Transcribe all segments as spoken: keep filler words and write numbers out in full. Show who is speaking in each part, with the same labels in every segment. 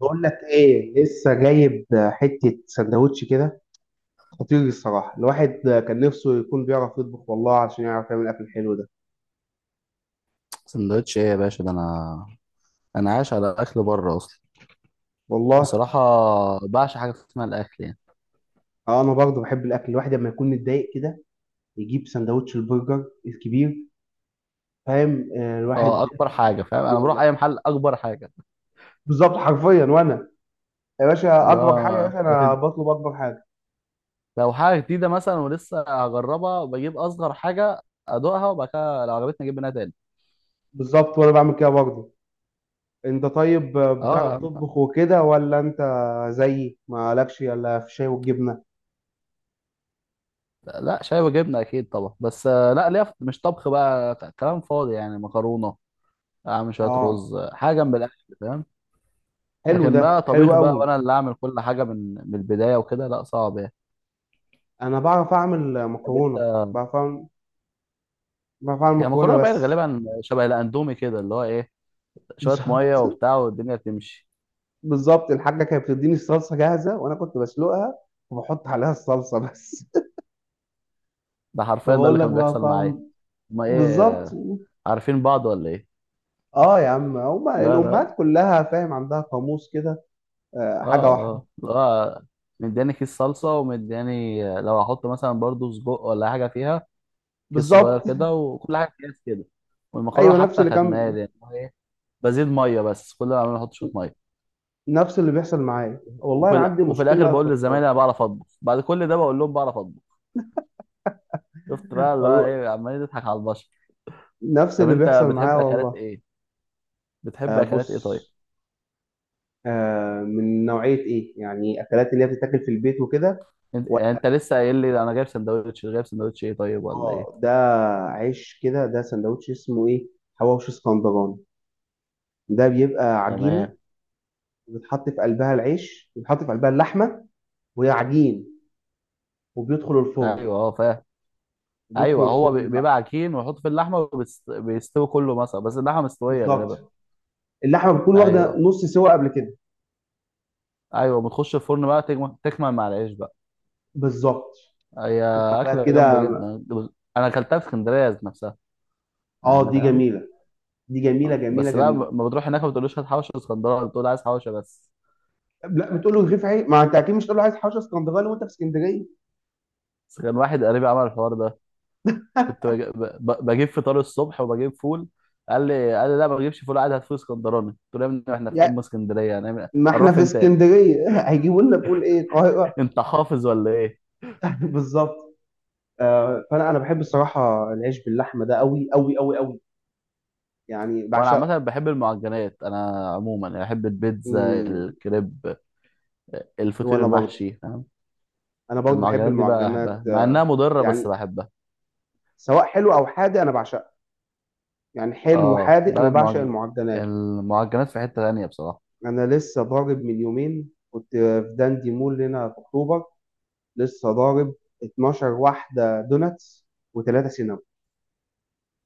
Speaker 1: بقول لك ايه، لسه جايب حته سندوتش كده. خطير الصراحه. الواحد كان نفسه يكون بيعرف يطبخ والله، عشان يعرف يعمل الاكل الحلو ده.
Speaker 2: سندوتش ايه يا باشا؟ ده انا انا عايش على اكل بره اصلا.
Speaker 1: والله
Speaker 2: بصراحه، بعشق حاجه اسمها الاكل يعني.
Speaker 1: آه، انا برضه بحب الاكل. الواحد لما يكون متضايق كده يجيب سندوتش البرجر الكبير، فاهم؟ آه الواحد
Speaker 2: اه، اكبر حاجه فاهم.
Speaker 1: بتاع بيه
Speaker 2: انا بروح
Speaker 1: والله،
Speaker 2: اي محل اكبر حاجه.
Speaker 1: بالظبط حرفيا. وانا يا باشا
Speaker 2: اللي
Speaker 1: اكبر حاجه يا
Speaker 2: هو
Speaker 1: باشا انا
Speaker 2: بتد...
Speaker 1: بطلب اكبر حاجه.
Speaker 2: لو حاجه جديده مثلا ولسه هجربها بجيب اصغر حاجه، ادوقها وبعد كده لو عجبتني اجيب منها تاني.
Speaker 1: بالظبط، وانا بعمل كده برضه. انت طيب آه،
Speaker 2: اه
Speaker 1: بتعرف
Speaker 2: يا عم.
Speaker 1: تطبخ وكده ولا انت زيي، مالكش الا في الشاي والجبنه؟
Speaker 2: لا، شاي وجبنه اكيد طبعا، بس آه، لا ليا في- مش طبخ بقى، ك- كلام فاضي يعني، مكرونه اعمل شويه
Speaker 1: اه،
Speaker 2: رز حاجه جنب الاكل فاهم.
Speaker 1: حلو
Speaker 2: لكن
Speaker 1: ده،
Speaker 2: لا،
Speaker 1: حلو
Speaker 2: طبيخ بقى
Speaker 1: قوي.
Speaker 2: وانا اللي اعمل كل حاجه من من البدايه وكده لا، صعب
Speaker 1: انا بعرف اعمل
Speaker 2: يعني.
Speaker 1: مكرونه بعرف اعمل بعرف اعمل
Speaker 2: هي
Speaker 1: مكرونه
Speaker 2: مكرونه بقى،
Speaker 1: بس.
Speaker 2: غالبا شبه الاندومي كده اللي هو ايه، شويه ميه
Speaker 1: بالظبط،
Speaker 2: وبتاع والدنيا تمشي.
Speaker 1: بالظبط. الحاجه كانت بتديني الصلصه جاهزه وانا كنت بسلقها وبحط عليها الصلصه بس.
Speaker 2: ده
Speaker 1: طب
Speaker 2: حرفيا ده اللي
Speaker 1: اقول لك
Speaker 2: كان
Speaker 1: بقى،
Speaker 2: بيحصل معايا.
Speaker 1: فاهم؟
Speaker 2: ما
Speaker 1: بالظبط.
Speaker 2: ايه؟ عارفين بعض ولا ايه؟
Speaker 1: اه يا عم، هما
Speaker 2: لا لا.
Speaker 1: الامهات كلها فاهم عندها قاموس كده. آه
Speaker 2: اه
Speaker 1: حاجه واحده،
Speaker 2: اه، لا. مدياني كيس صلصه، ومدياني لو هحط مثلا برضو سجق ولا حاجه فيها كيس صغير
Speaker 1: بالظبط.
Speaker 2: كده، وكل حاجه اكياس كده. والمكرونه
Speaker 1: ايوه نفس
Speaker 2: حتى
Speaker 1: اللي
Speaker 2: كانت
Speaker 1: كان.
Speaker 2: مالي يعني هو ايه، بزيد ميه بس، كل ما بعمله احط شويه ميه.
Speaker 1: نفس اللي بيحصل معايا والله،
Speaker 2: وفي
Speaker 1: انا
Speaker 2: الأ-
Speaker 1: عندي
Speaker 2: وفي الاخر
Speaker 1: مشكله في
Speaker 2: بقول
Speaker 1: الطبخ
Speaker 2: للزمايل انا بعرف اطبخ، بعد كل ده بقول لهم بعرف اطبخ. شفت بقى اللي هو
Speaker 1: والله.
Speaker 2: ايه، عمالين تضحك على البشر.
Speaker 1: نفس
Speaker 2: طب
Speaker 1: اللي
Speaker 2: انت
Speaker 1: بيحصل معايا
Speaker 2: بتحب اكلات
Speaker 1: والله.
Speaker 2: ايه؟ بتحب
Speaker 1: آه
Speaker 2: اكلات ايه
Speaker 1: بص،
Speaker 2: طيب؟
Speaker 1: آه من نوعية إيه؟ يعني أكلات اللي هي بتتاكل في البيت وكده.
Speaker 2: انت, يعني
Speaker 1: ولا
Speaker 2: انت لسه قايل لي انا جايب سندوتش، جايب سندوتش ايه طيب ولا
Speaker 1: آه،
Speaker 2: ايه؟
Speaker 1: ده عيش كده، ده سندوتش اسمه إيه؟ حواوشي اسكندراني. ده بيبقى عجينة
Speaker 2: تمام.
Speaker 1: بتحط في قلبها العيش، بيتحط في قلبها اللحمة وهي عجين، وبيدخل الفرن.
Speaker 2: ايوه، اه فاهم.
Speaker 1: بيدخل
Speaker 2: ايوه، هو بي-
Speaker 1: الفرن
Speaker 2: بيبقى
Speaker 1: بقى،
Speaker 2: عجين ويحط في اللحمه، وبيست- بيستوي كله مثلا، بس اللحمه مستويه غالبا.
Speaker 1: بالظبط. اللحمة بتكون واخدة
Speaker 2: ايوه.
Speaker 1: نص سوا قبل كده،
Speaker 2: ايوه بتخش الفرن بقى، تجم- تكمل مع العيش بقى.
Speaker 1: بالظبط.
Speaker 2: هي
Speaker 1: تطلع بقى
Speaker 2: اكله جامده
Speaker 1: كده.
Speaker 2: جدا. انا اكلتها في اسكندريه ذات نفسها،
Speaker 1: اه
Speaker 2: يعني
Speaker 1: دي
Speaker 2: فاهم.
Speaker 1: جميلة، دي جميلة
Speaker 2: اه.
Speaker 1: جميلة
Speaker 2: بس بقى
Speaker 1: جميلة.
Speaker 2: ما بتروح هناك ما بتقولوش هات حوشه اسكندراني، بتقول عايز حوشه بس.
Speaker 1: طب لا، بتقول له رغيف عيش. ما انت اكيد مش تقول له عايز حوشه اسكندراني وانت في اسكندريه يعني.
Speaker 2: بس كان واحد قريبي عمل الحوار ده. كنت بج- ب- بجيب فطار الصبح وبجيب فول. قال لي، قال لي لا ما بجيبش فول عادي، هات فول اسكندراني. قلت له يا ابني احنا في ام اسكندريه، هنعمل
Speaker 1: ما احنا
Speaker 2: هنروح
Speaker 1: في
Speaker 2: فين تاني؟
Speaker 1: اسكندريه. هيجيبوا لنا بقول ايه، القاهره؟
Speaker 2: انت حافظ ولا ايه؟
Speaker 1: بالظبط. آه، فانا انا بحب الصراحه العيش باللحمه ده، قوي قوي قوي قوي. يعني
Speaker 2: وانا
Speaker 1: بعشقه.
Speaker 2: عامه بحب المعجنات، انا عموما يعني بحب البيتزا،
Speaker 1: مم.
Speaker 2: الكريب، الفطير
Speaker 1: وانا برضه،
Speaker 2: المحشي فاهم.
Speaker 1: انا برضه بحب
Speaker 2: المعجنات دي بقى
Speaker 1: المعجنات
Speaker 2: بحبها مع
Speaker 1: آه،
Speaker 2: انها مضره، بس
Speaker 1: يعني
Speaker 2: بحبها.
Speaker 1: سواء حلو او حادق انا بعشقها. يعني حلو
Speaker 2: اه
Speaker 1: وحادق
Speaker 2: بقى
Speaker 1: انا بعشق
Speaker 2: المعج...
Speaker 1: المعجنات.
Speaker 2: المعجنات في حته تانيه بصراحه.
Speaker 1: انا لسه ضارب، من يومين كنت في داندي مول هنا في اكتوبر. لسه ضارب اتناشر واحده دوناتس وثلاثه سينابون،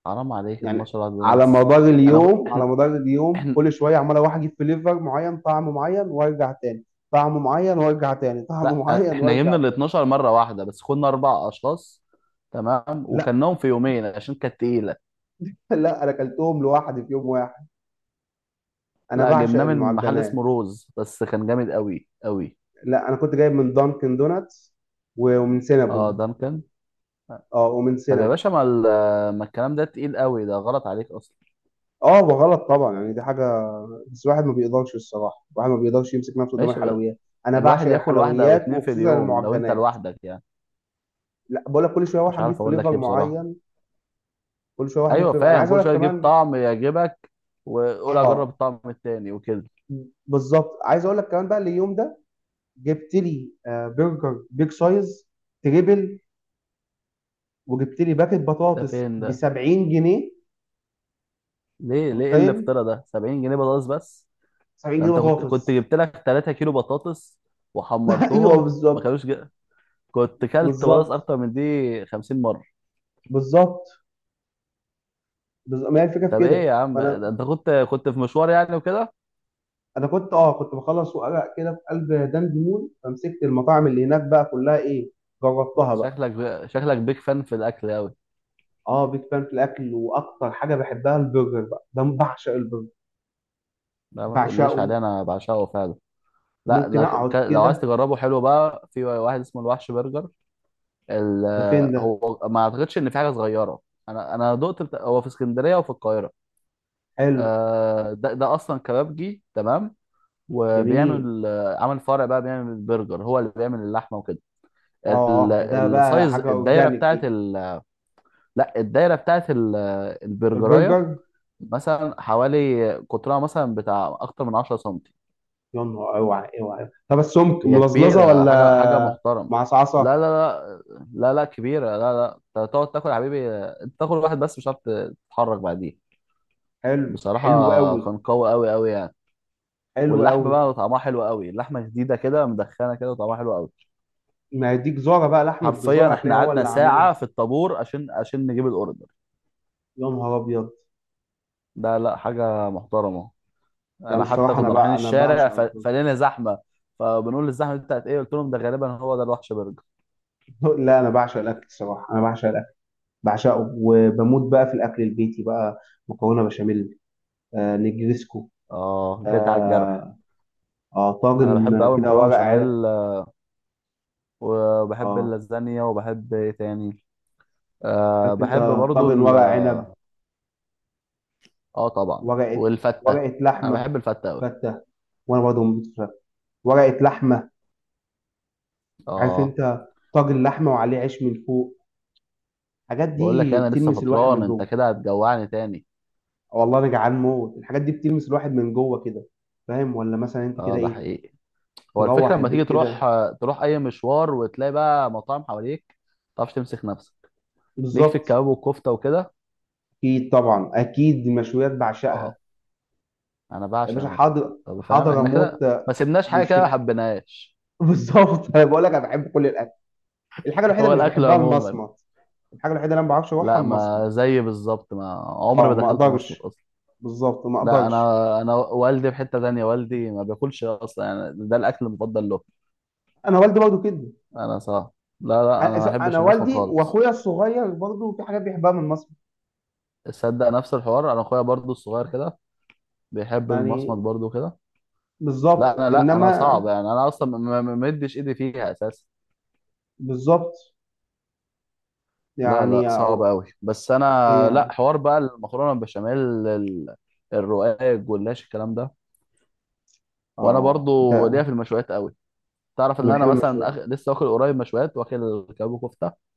Speaker 2: حرام عليك،
Speaker 1: يعني.
Speaker 2: اثنا عشر على
Speaker 1: على
Speaker 2: دوناتس.
Speaker 1: مدار
Speaker 2: انا كو-
Speaker 1: اليوم، على
Speaker 2: احنا
Speaker 1: مدار اليوم
Speaker 2: احنا
Speaker 1: كل شويه عمال اروح اجيب فليفر معين، طعم معين وارجع تاني، طعم معين وارجع تاني. طعم
Speaker 2: لا آه،
Speaker 1: معين
Speaker 2: احنا
Speaker 1: وارجع
Speaker 2: جبنا ال
Speaker 1: تاني.
Speaker 2: الاتناشر مره واحده، بس كنا اربع اشخاص تمام،
Speaker 1: لا
Speaker 2: وكلناهم في يومين عشان كانت تقيله.
Speaker 1: لا، انا اكلتهم لوحدي في يوم واحد. انا
Speaker 2: لا،
Speaker 1: بعشق
Speaker 2: جبناه من محل اسمه
Speaker 1: المعجنات.
Speaker 2: روز، بس كان جامد قوي قوي.
Speaker 1: لا انا كنت جايب من دانكن دوناتس و- ومن
Speaker 2: اه،
Speaker 1: سينابون.
Speaker 2: دانكن.
Speaker 1: اه ومن
Speaker 2: طب يا
Speaker 1: سينابون.
Speaker 2: باشا، ما, ال- ما الكلام ده تقيل قوي، ده غلط عليك اصلا.
Speaker 1: اه وغلط طبعا، يعني دي حاجه. بس الواحد ما بيقدرش الصراحه، الواحد ما بيقدرش يمسك نفسه قدام
Speaker 2: ماشي بقى.
Speaker 1: الحلويات. انا
Speaker 2: الواحد
Speaker 1: بعشق
Speaker 2: ياكل واحده او
Speaker 1: الحلويات،
Speaker 2: اتنين في
Speaker 1: وخصوصا
Speaker 2: اليوم لو انت
Speaker 1: المعجنات.
Speaker 2: لوحدك يعني.
Speaker 1: لا بقول لك، كل شويه اروح
Speaker 2: مش عارف
Speaker 1: اجيب
Speaker 2: اقول لك
Speaker 1: فليفر
Speaker 2: ايه بصراحه.
Speaker 1: معين، كل شويه اروح اجيب
Speaker 2: ايوه
Speaker 1: فليفر. انا
Speaker 2: فاهم،
Speaker 1: عايز
Speaker 2: كل
Speaker 1: اقول لك
Speaker 2: شويه تجيب
Speaker 1: كمان،
Speaker 2: طعم يعجبك وقول اجرب
Speaker 1: اه
Speaker 2: الطعم التاني وكده.
Speaker 1: بالظبط، عايز اقول لك كمان بقى. اليوم ده جبت لي آه، برجر بيج سايز تريبل، وجبت لي باكت
Speaker 2: ده
Speaker 1: بطاطس
Speaker 2: فين
Speaker 1: ب
Speaker 2: ده؟
Speaker 1: سبعين جنيه. انت
Speaker 2: ليه، ليه ايه
Speaker 1: متخيل؟
Speaker 2: الافتراء ده، سبعين جنيه بطاطس بس؟
Speaker 1: 70
Speaker 2: ده
Speaker 1: جنيه
Speaker 2: انت كنت كنت
Speaker 1: بطاطس.
Speaker 2: جبت لك 3 كيلو بطاطس
Speaker 1: ايوه
Speaker 2: وحمرتهم ما
Speaker 1: بالظبط،
Speaker 2: كانوش ج... كنت كلت بطاطس
Speaker 1: بالظبط
Speaker 2: اكتر من دي 50 مره.
Speaker 1: بالظبط. بالظبط ما هي الفكره في
Speaker 2: طب ايه
Speaker 1: كده.
Speaker 2: يا عم،
Speaker 1: فانا
Speaker 2: ده انت كنت كنت في مشوار يعني وكده.
Speaker 1: انا كنت اه، كنت بخلص وارق كده في قلب دان ديمون، فمسكت المطاعم اللي هناك بقى كلها، ايه، جربتها بقى.
Speaker 2: شكلك شكلك بيك فان في الاكل قوي.
Speaker 1: اه بيج فان في الاكل، واكتر حاجه بحبها البرجر بقى، ده بعشق البرجر،
Speaker 2: لا ما تقوليش
Speaker 1: بعشقه.
Speaker 2: عليه، انا بعشقه فعلا. لا
Speaker 1: ممكن
Speaker 2: انا، ك... ك-
Speaker 1: اقعد
Speaker 2: لو عايز
Speaker 1: كده.
Speaker 2: تجربه حلو، بقى في واحد اسمه الوحش برجر. ال...
Speaker 1: ده فين ده؟
Speaker 2: هو ما اعتقدش ان في حاجه صغيره. انا انا دقت بتا... هو في اسكندريه وفي القاهره.
Speaker 1: حلو،
Speaker 2: آه، ده ده اصلا كبابجي تمام،
Speaker 1: جميل.
Speaker 2: وبيعمل آه، عمل فرع بقى بيعمل برجر، هو اللي بيعمل اللحمه وكده. ال-
Speaker 1: اه ده، ده بقى
Speaker 2: السايز،
Speaker 1: حاجه
Speaker 2: الدايره
Speaker 1: اورجانيك
Speaker 2: بتاعت
Speaker 1: دي.
Speaker 2: ال... لا، الدايره بتاعت ال... البرجرايه،
Speaker 1: البرجر،
Speaker 2: مثلا حوالي قطرها مثلا بتاع اكتر من 10 سم.
Speaker 1: يا نهار، اوعى اوعى. طب السمك
Speaker 2: هي
Speaker 1: ملزلزه
Speaker 2: كبيره، حاجه حاجه
Speaker 1: ولا
Speaker 2: محترمه.
Speaker 1: معصعصه؟
Speaker 2: لا لا لا لا لا، كبيره. لا لا، انت تقعد تاكل يا حبيبي، انت تاكل واحد بس مش عارف تتحرك بعديه
Speaker 1: حلو،
Speaker 2: بصراحه.
Speaker 1: حلو قوي،
Speaker 2: كان قوي قوي قوي يعني.
Speaker 1: حلو
Speaker 2: واللحمه
Speaker 1: قوي.
Speaker 2: بقى طعمها حلو قوي، اللحمه جديده كده، مدخنه كده وطعمها حلو قوي.
Speaker 1: ما هي دي جزاره بقى، لحمه جزاره
Speaker 2: حرفيا احنا
Speaker 1: هتلاقيها، هو
Speaker 2: قعدنا
Speaker 1: اللي عاملها.
Speaker 2: ساعة في الطابور عشان عشان نجيب الاوردر.
Speaker 1: يا نهار ابيض.
Speaker 2: ده لا، حاجة محترمة.
Speaker 1: لا انا
Speaker 2: انا حتى
Speaker 1: الصراحه، انا
Speaker 2: كنا رايحين
Speaker 1: بقى انا بعشق
Speaker 2: الشارع ف-
Speaker 1: البرجر.
Speaker 2: فلقينا زحمة، فبنقول الزحمة دي بتاعت ايه، قلت لهم ده غالبا هو ده الوحش برجر.
Speaker 1: لا انا بعشق الاكل الصراحه، انا بعشق الاكل، بعشقه، وبموت بقى في الاكل البيتي بقى. مكرونه بشاميل، آه نجريسكو،
Speaker 2: اه، جيت على الجرح.
Speaker 1: اه، آه
Speaker 2: انا بحب
Speaker 1: طاجن
Speaker 2: قوي
Speaker 1: كده
Speaker 2: المكرونة
Speaker 1: ورق عنب.
Speaker 2: بشاميل آه، وبحب
Speaker 1: اه
Speaker 2: اللازانيا، وبحب ايه تاني، أه
Speaker 1: عارف انت،
Speaker 2: بحب برضو
Speaker 1: طاجن
Speaker 2: ال-
Speaker 1: ورق عنب،
Speaker 2: اه طبعا،
Speaker 1: ورقه،
Speaker 2: والفتة.
Speaker 1: ورقه
Speaker 2: انا
Speaker 1: لحمه.
Speaker 2: بحب الفتة قوي.
Speaker 1: فته، وانا برضه بموت في الفته. ورقه لحمه. عارف
Speaker 2: اه
Speaker 1: انت، طاجن لحمه وعليه عيش من فوق. الحاجات
Speaker 2: بقول لك،
Speaker 1: دي
Speaker 2: انا لسه
Speaker 1: بتلمس الواحد
Speaker 2: فطران،
Speaker 1: من
Speaker 2: انت
Speaker 1: جوه.
Speaker 2: كده هتجوعني تاني.
Speaker 1: والله انا جعان موت، الحاجات دي بتلمس الواحد من جوه كده، فاهم؟ ولا مثلا انت
Speaker 2: اه
Speaker 1: كده
Speaker 2: ده
Speaker 1: ايه؟
Speaker 2: حقيقي. هو الفكرة
Speaker 1: تروح
Speaker 2: لما
Speaker 1: البيت
Speaker 2: تيجي تروح،
Speaker 1: كده،
Speaker 2: تروح أي مشوار وتلاقي بقى مطاعم حواليك ما تعرفش تمسك نفسك. ليك في
Speaker 1: بالظبط.
Speaker 2: الكباب والكفتة وكده.
Speaker 1: اكيد طبعا، اكيد المشويات بعشقها.
Speaker 2: آه، أنا
Speaker 1: يا
Speaker 2: بعشق
Speaker 1: باشا
Speaker 2: مش...
Speaker 1: حاضر
Speaker 2: طب فاهم،
Speaker 1: حاضر،
Speaker 2: إحنا
Speaker 1: اموت
Speaker 2: كده
Speaker 1: آه،
Speaker 2: ما سيبناش حاجة كده ما
Speaker 1: بيشتكي.
Speaker 2: حبيناهاش.
Speaker 1: بالظبط. انا بقول لك انا بحب كل الاكل. الحاجه الوحيده
Speaker 2: هو
Speaker 1: اللي مش
Speaker 2: الأكل
Speaker 1: بحبها
Speaker 2: عموما.
Speaker 1: المصمت، الحاجه الوحيده اللي انا ما بعرفش اروحها
Speaker 2: لا،
Speaker 1: المصمت.
Speaker 2: ما زي بالظبط، ما عمري
Speaker 1: اه
Speaker 2: ما
Speaker 1: ما
Speaker 2: دخلت مصمت
Speaker 1: اقدرش،
Speaker 2: أصلا.
Speaker 1: بالظبط ما
Speaker 2: لا
Speaker 1: اقدرش.
Speaker 2: أنا أنا والدي في حتة تانية، والدي ما بياكلش أصلا يعني ده الأكل المفضل له.
Speaker 1: انا والدي برضه كده.
Speaker 2: أنا صح. لا لا، أنا ما
Speaker 1: انا أنا
Speaker 2: بحبش المصمت
Speaker 1: والدي
Speaker 2: خالص.
Speaker 1: واخويا الصغير برضه، في حاجات بيحبها من مصر،
Speaker 2: تصدق، نفس الحوار، أنا أخويا برضو الصغير كده بيحب
Speaker 1: يعني.
Speaker 2: المصمت برضو كده. لا
Speaker 1: بالظبط
Speaker 2: انا، لا انا
Speaker 1: انما
Speaker 2: صعب يعني، انا اصلا ما ما- ما مدش ايدي فيها اساسا.
Speaker 1: بالظبط،
Speaker 2: لا
Speaker 1: يعني
Speaker 2: لا، صعب
Speaker 1: أو
Speaker 2: قوي، بس انا
Speaker 1: هي.
Speaker 2: لا، حوار بقى المكرونه البشاميل، ال- الرقاق، الجلاش، الكلام ده. وانا
Speaker 1: اه ده،
Speaker 2: برضو ليا في المشويات قوي. تعرف ان
Speaker 1: انا
Speaker 2: انا
Speaker 1: بحب
Speaker 2: مثلا أخ...
Speaker 1: المشويات
Speaker 2: لسه واكل قريب مشويات، واكل كباب كفته.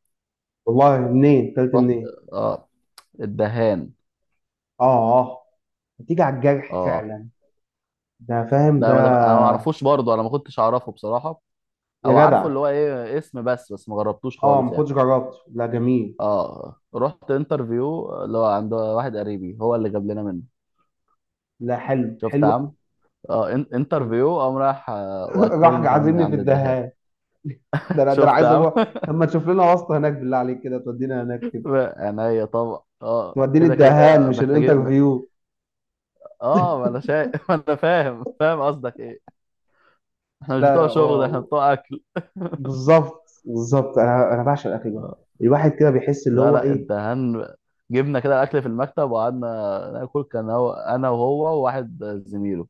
Speaker 1: والله. منين كلت،
Speaker 2: رحت،
Speaker 1: منين؟
Speaker 2: اه، الدهان.
Speaker 1: اه اه، بتيجي على الجرح
Speaker 2: اه
Speaker 1: فعلا. ده فاهم ده؟
Speaker 2: ده ما ده... انا ما اعرفوش، برضو انا ما كنتش اعرفه بصراحه.
Speaker 1: يا
Speaker 2: او عارفه اللي
Speaker 1: جدع،
Speaker 2: هو ايه، اسم بس، بس ما جربتوش
Speaker 1: اه
Speaker 2: خالص
Speaker 1: ما
Speaker 2: يعني.
Speaker 1: كنتش جربت. لا جميل،
Speaker 2: اه، رحت انترفيو اللي هو عند واحد قريبي، هو اللي جاب لنا منه.
Speaker 1: لا حلو،
Speaker 2: شفت يا
Speaker 1: حلو قوي.
Speaker 2: عم. اه، ان- انترفيو قام راح آه،
Speaker 1: راح
Speaker 2: واكلني كمان من
Speaker 1: عازمني في
Speaker 2: عند الدهان.
Speaker 1: الدهان. ده انا ده انا
Speaker 2: شفت يا
Speaker 1: عايز
Speaker 2: عم
Speaker 1: اروح. طب ما تشوف لنا واسطه هناك بالله عليك، كده تودينا هناك كده.
Speaker 2: عينيا طبعا، اه
Speaker 1: توديني
Speaker 2: كده
Speaker 1: الدهان
Speaker 2: كده
Speaker 1: مش
Speaker 2: محتاجين.
Speaker 1: الانترفيو.
Speaker 2: اه ما انا شايف ما انا فاهم، فاهم قصدك ايه. احنا مش
Speaker 1: لا
Speaker 2: بتوع شغل، احنا
Speaker 1: هو،
Speaker 2: بتوع اكل
Speaker 1: بالظبط بالظبط. انا انا بعشق الاكل ده.
Speaker 2: آه.
Speaker 1: الواحد كده بيحس، اللي
Speaker 2: لا
Speaker 1: هو
Speaker 2: لا،
Speaker 1: ايه.
Speaker 2: الدهان. جبنا كده الاكل في المكتب وقعدنا ناكل، كان هو انا وهو وواحد زميله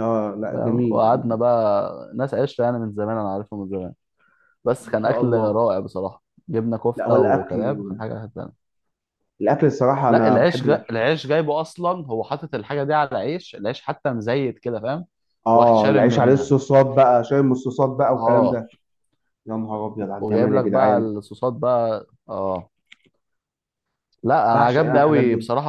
Speaker 1: اه لا
Speaker 2: فاهم.
Speaker 1: جميل.
Speaker 2: وقعدنا بقى ناس عشره يعني، من زمان انا عارفهم من زمان. بس
Speaker 1: ما
Speaker 2: كان
Speaker 1: شاء
Speaker 2: اكل
Speaker 1: الله.
Speaker 2: رائع بصراحه. جبنا
Speaker 1: لا هو
Speaker 2: كفته وكباب، كانت
Speaker 1: الاكل،
Speaker 2: حاجه.
Speaker 1: الاكل الصراحه،
Speaker 2: لا،
Speaker 1: انا
Speaker 2: العيش
Speaker 1: بحب
Speaker 2: جا...
Speaker 1: الاكل.
Speaker 2: العيش جايبه اصلا، هو حاطط الحاجه دي على عيش، العيش حتى مزيت كده فاهم. واخد
Speaker 1: اه
Speaker 2: شارب
Speaker 1: العيش عليه
Speaker 2: منها
Speaker 1: الصوصات بقى، شاي من الصوصات بقى، والكلام
Speaker 2: اه.
Speaker 1: ده. يا نهار ابيض على
Speaker 2: وجايب
Speaker 1: الجمال يا
Speaker 2: لك بقى
Speaker 1: جدعان.
Speaker 2: الصوصات بقى اه. لا انا
Speaker 1: بعشق انا
Speaker 2: عجبني
Speaker 1: الحاجات
Speaker 2: قوي
Speaker 1: دي.
Speaker 2: بصراحه.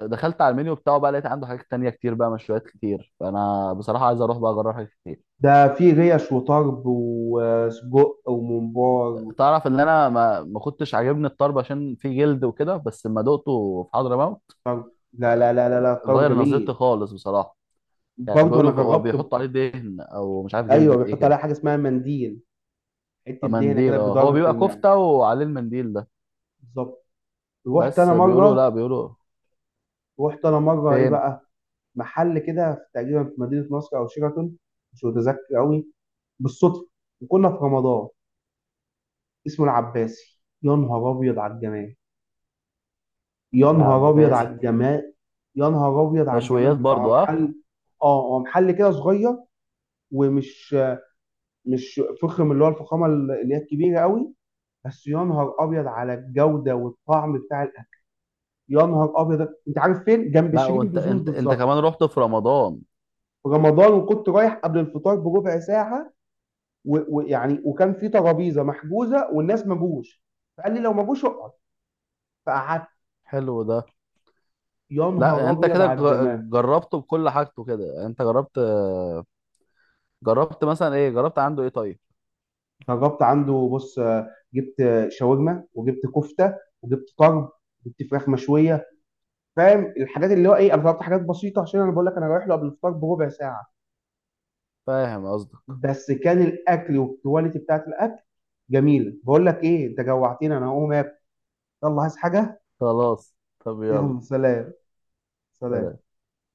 Speaker 2: دخلت على المنيو بتاعه بقى، لقيت عنده حاجات تانية كتير بقى، مشويات كتير، فانا بصراحه عايز اروح بقى اجرب حاجات كتير.
Speaker 1: ده في ريش وطرب وسجق وممبار.
Speaker 2: تعرف ان انا ما, ما كنتش عاجبني الطرب عشان فيه جلد وكده، بس لما دقته في حضرموت
Speaker 1: لا لا
Speaker 2: آه،
Speaker 1: لا لا لا، الطرب
Speaker 2: غير نظرتي
Speaker 1: جميل.
Speaker 2: خالص بصراحه. يعني
Speaker 1: برضه انا
Speaker 2: بيقولوا هو
Speaker 1: جربت ب-
Speaker 2: بيحطوا عليه دهن او مش عارف
Speaker 1: ايوه
Speaker 2: جلدة ايه
Speaker 1: بيحط
Speaker 2: كده.
Speaker 1: عليها حاجه اسمها منديل، حته دهنه
Speaker 2: منديل،
Speaker 1: كده،
Speaker 2: اه، هو
Speaker 1: جدار في
Speaker 2: بيبقى
Speaker 1: المعده،
Speaker 2: كفتة وعليه المنديل ده.
Speaker 1: بالظبط. رحت
Speaker 2: بس
Speaker 1: انا
Speaker 2: بيقولوا لا
Speaker 1: مره،
Speaker 2: بيقولوا.
Speaker 1: رحت انا مره ايه
Speaker 2: فين؟
Speaker 1: بقى، محل كده في- تقريبا في مدينه نصر او شيراتون، مش متذكر قوي، بالصدفه، وكنا في رمضان، اسمه العباسي. يا نهار ابيض على الجمال، يا نهار ابيض على
Speaker 2: العباسي.
Speaker 1: الجمال، يا نهار ابيض على الجمال.
Speaker 2: مشويات
Speaker 1: بتاعه
Speaker 2: برضو اه.
Speaker 1: محل، اه هو محل كده صغير، ومش، مش فخم، اللي هو الفخامه اللي هي الكبيره قوي، بس يا نهار ابيض على الجوده والطعم بتاع الاكل. يا نهار ابيض. انت عارف فين؟ جنب
Speaker 2: لا،
Speaker 1: شيرين
Speaker 2: وانت
Speaker 1: بزون
Speaker 2: انت انت
Speaker 1: بالظبط.
Speaker 2: كمان رحت في رمضان؟
Speaker 1: في رمضان، وكنت رايح قبل الفطار بربع ساعه، و- ويعني، وكان في ترابيزه محجوزه والناس ما جوش، فقال لي لو ما جوش اقعد، فقعدت.
Speaker 2: حلو ده.
Speaker 1: يا
Speaker 2: لا،
Speaker 1: نهار
Speaker 2: يعني انت
Speaker 1: ابيض
Speaker 2: كده
Speaker 1: على الجمال.
Speaker 2: ج- جربته بكل حاجته كده يعني. انت جربت، جربت مثلا ايه، جربت عنده ايه طيب؟
Speaker 1: جربت عنده، بص آه، جبت آه، شاورما، وجبت كفته، وجبت طرب، جبت فراخ مشويه، فاهم الحاجات، اللي هو ايه، انا طلبت حاجات بسيطه عشان، انا بقول لك انا رايح له قبل الفطار بربع ساعه.
Speaker 2: فاهم قصدك.
Speaker 1: بس كان الاكل والكواليتي بتاعت الاكل جميله. بقول لك ايه، انت جوعتني، انا هقوم اكل. يلا عايز حاجه؟
Speaker 2: خلاص، طب يلا.
Speaker 1: يلا سلام. سلام.
Speaker 2: سلام.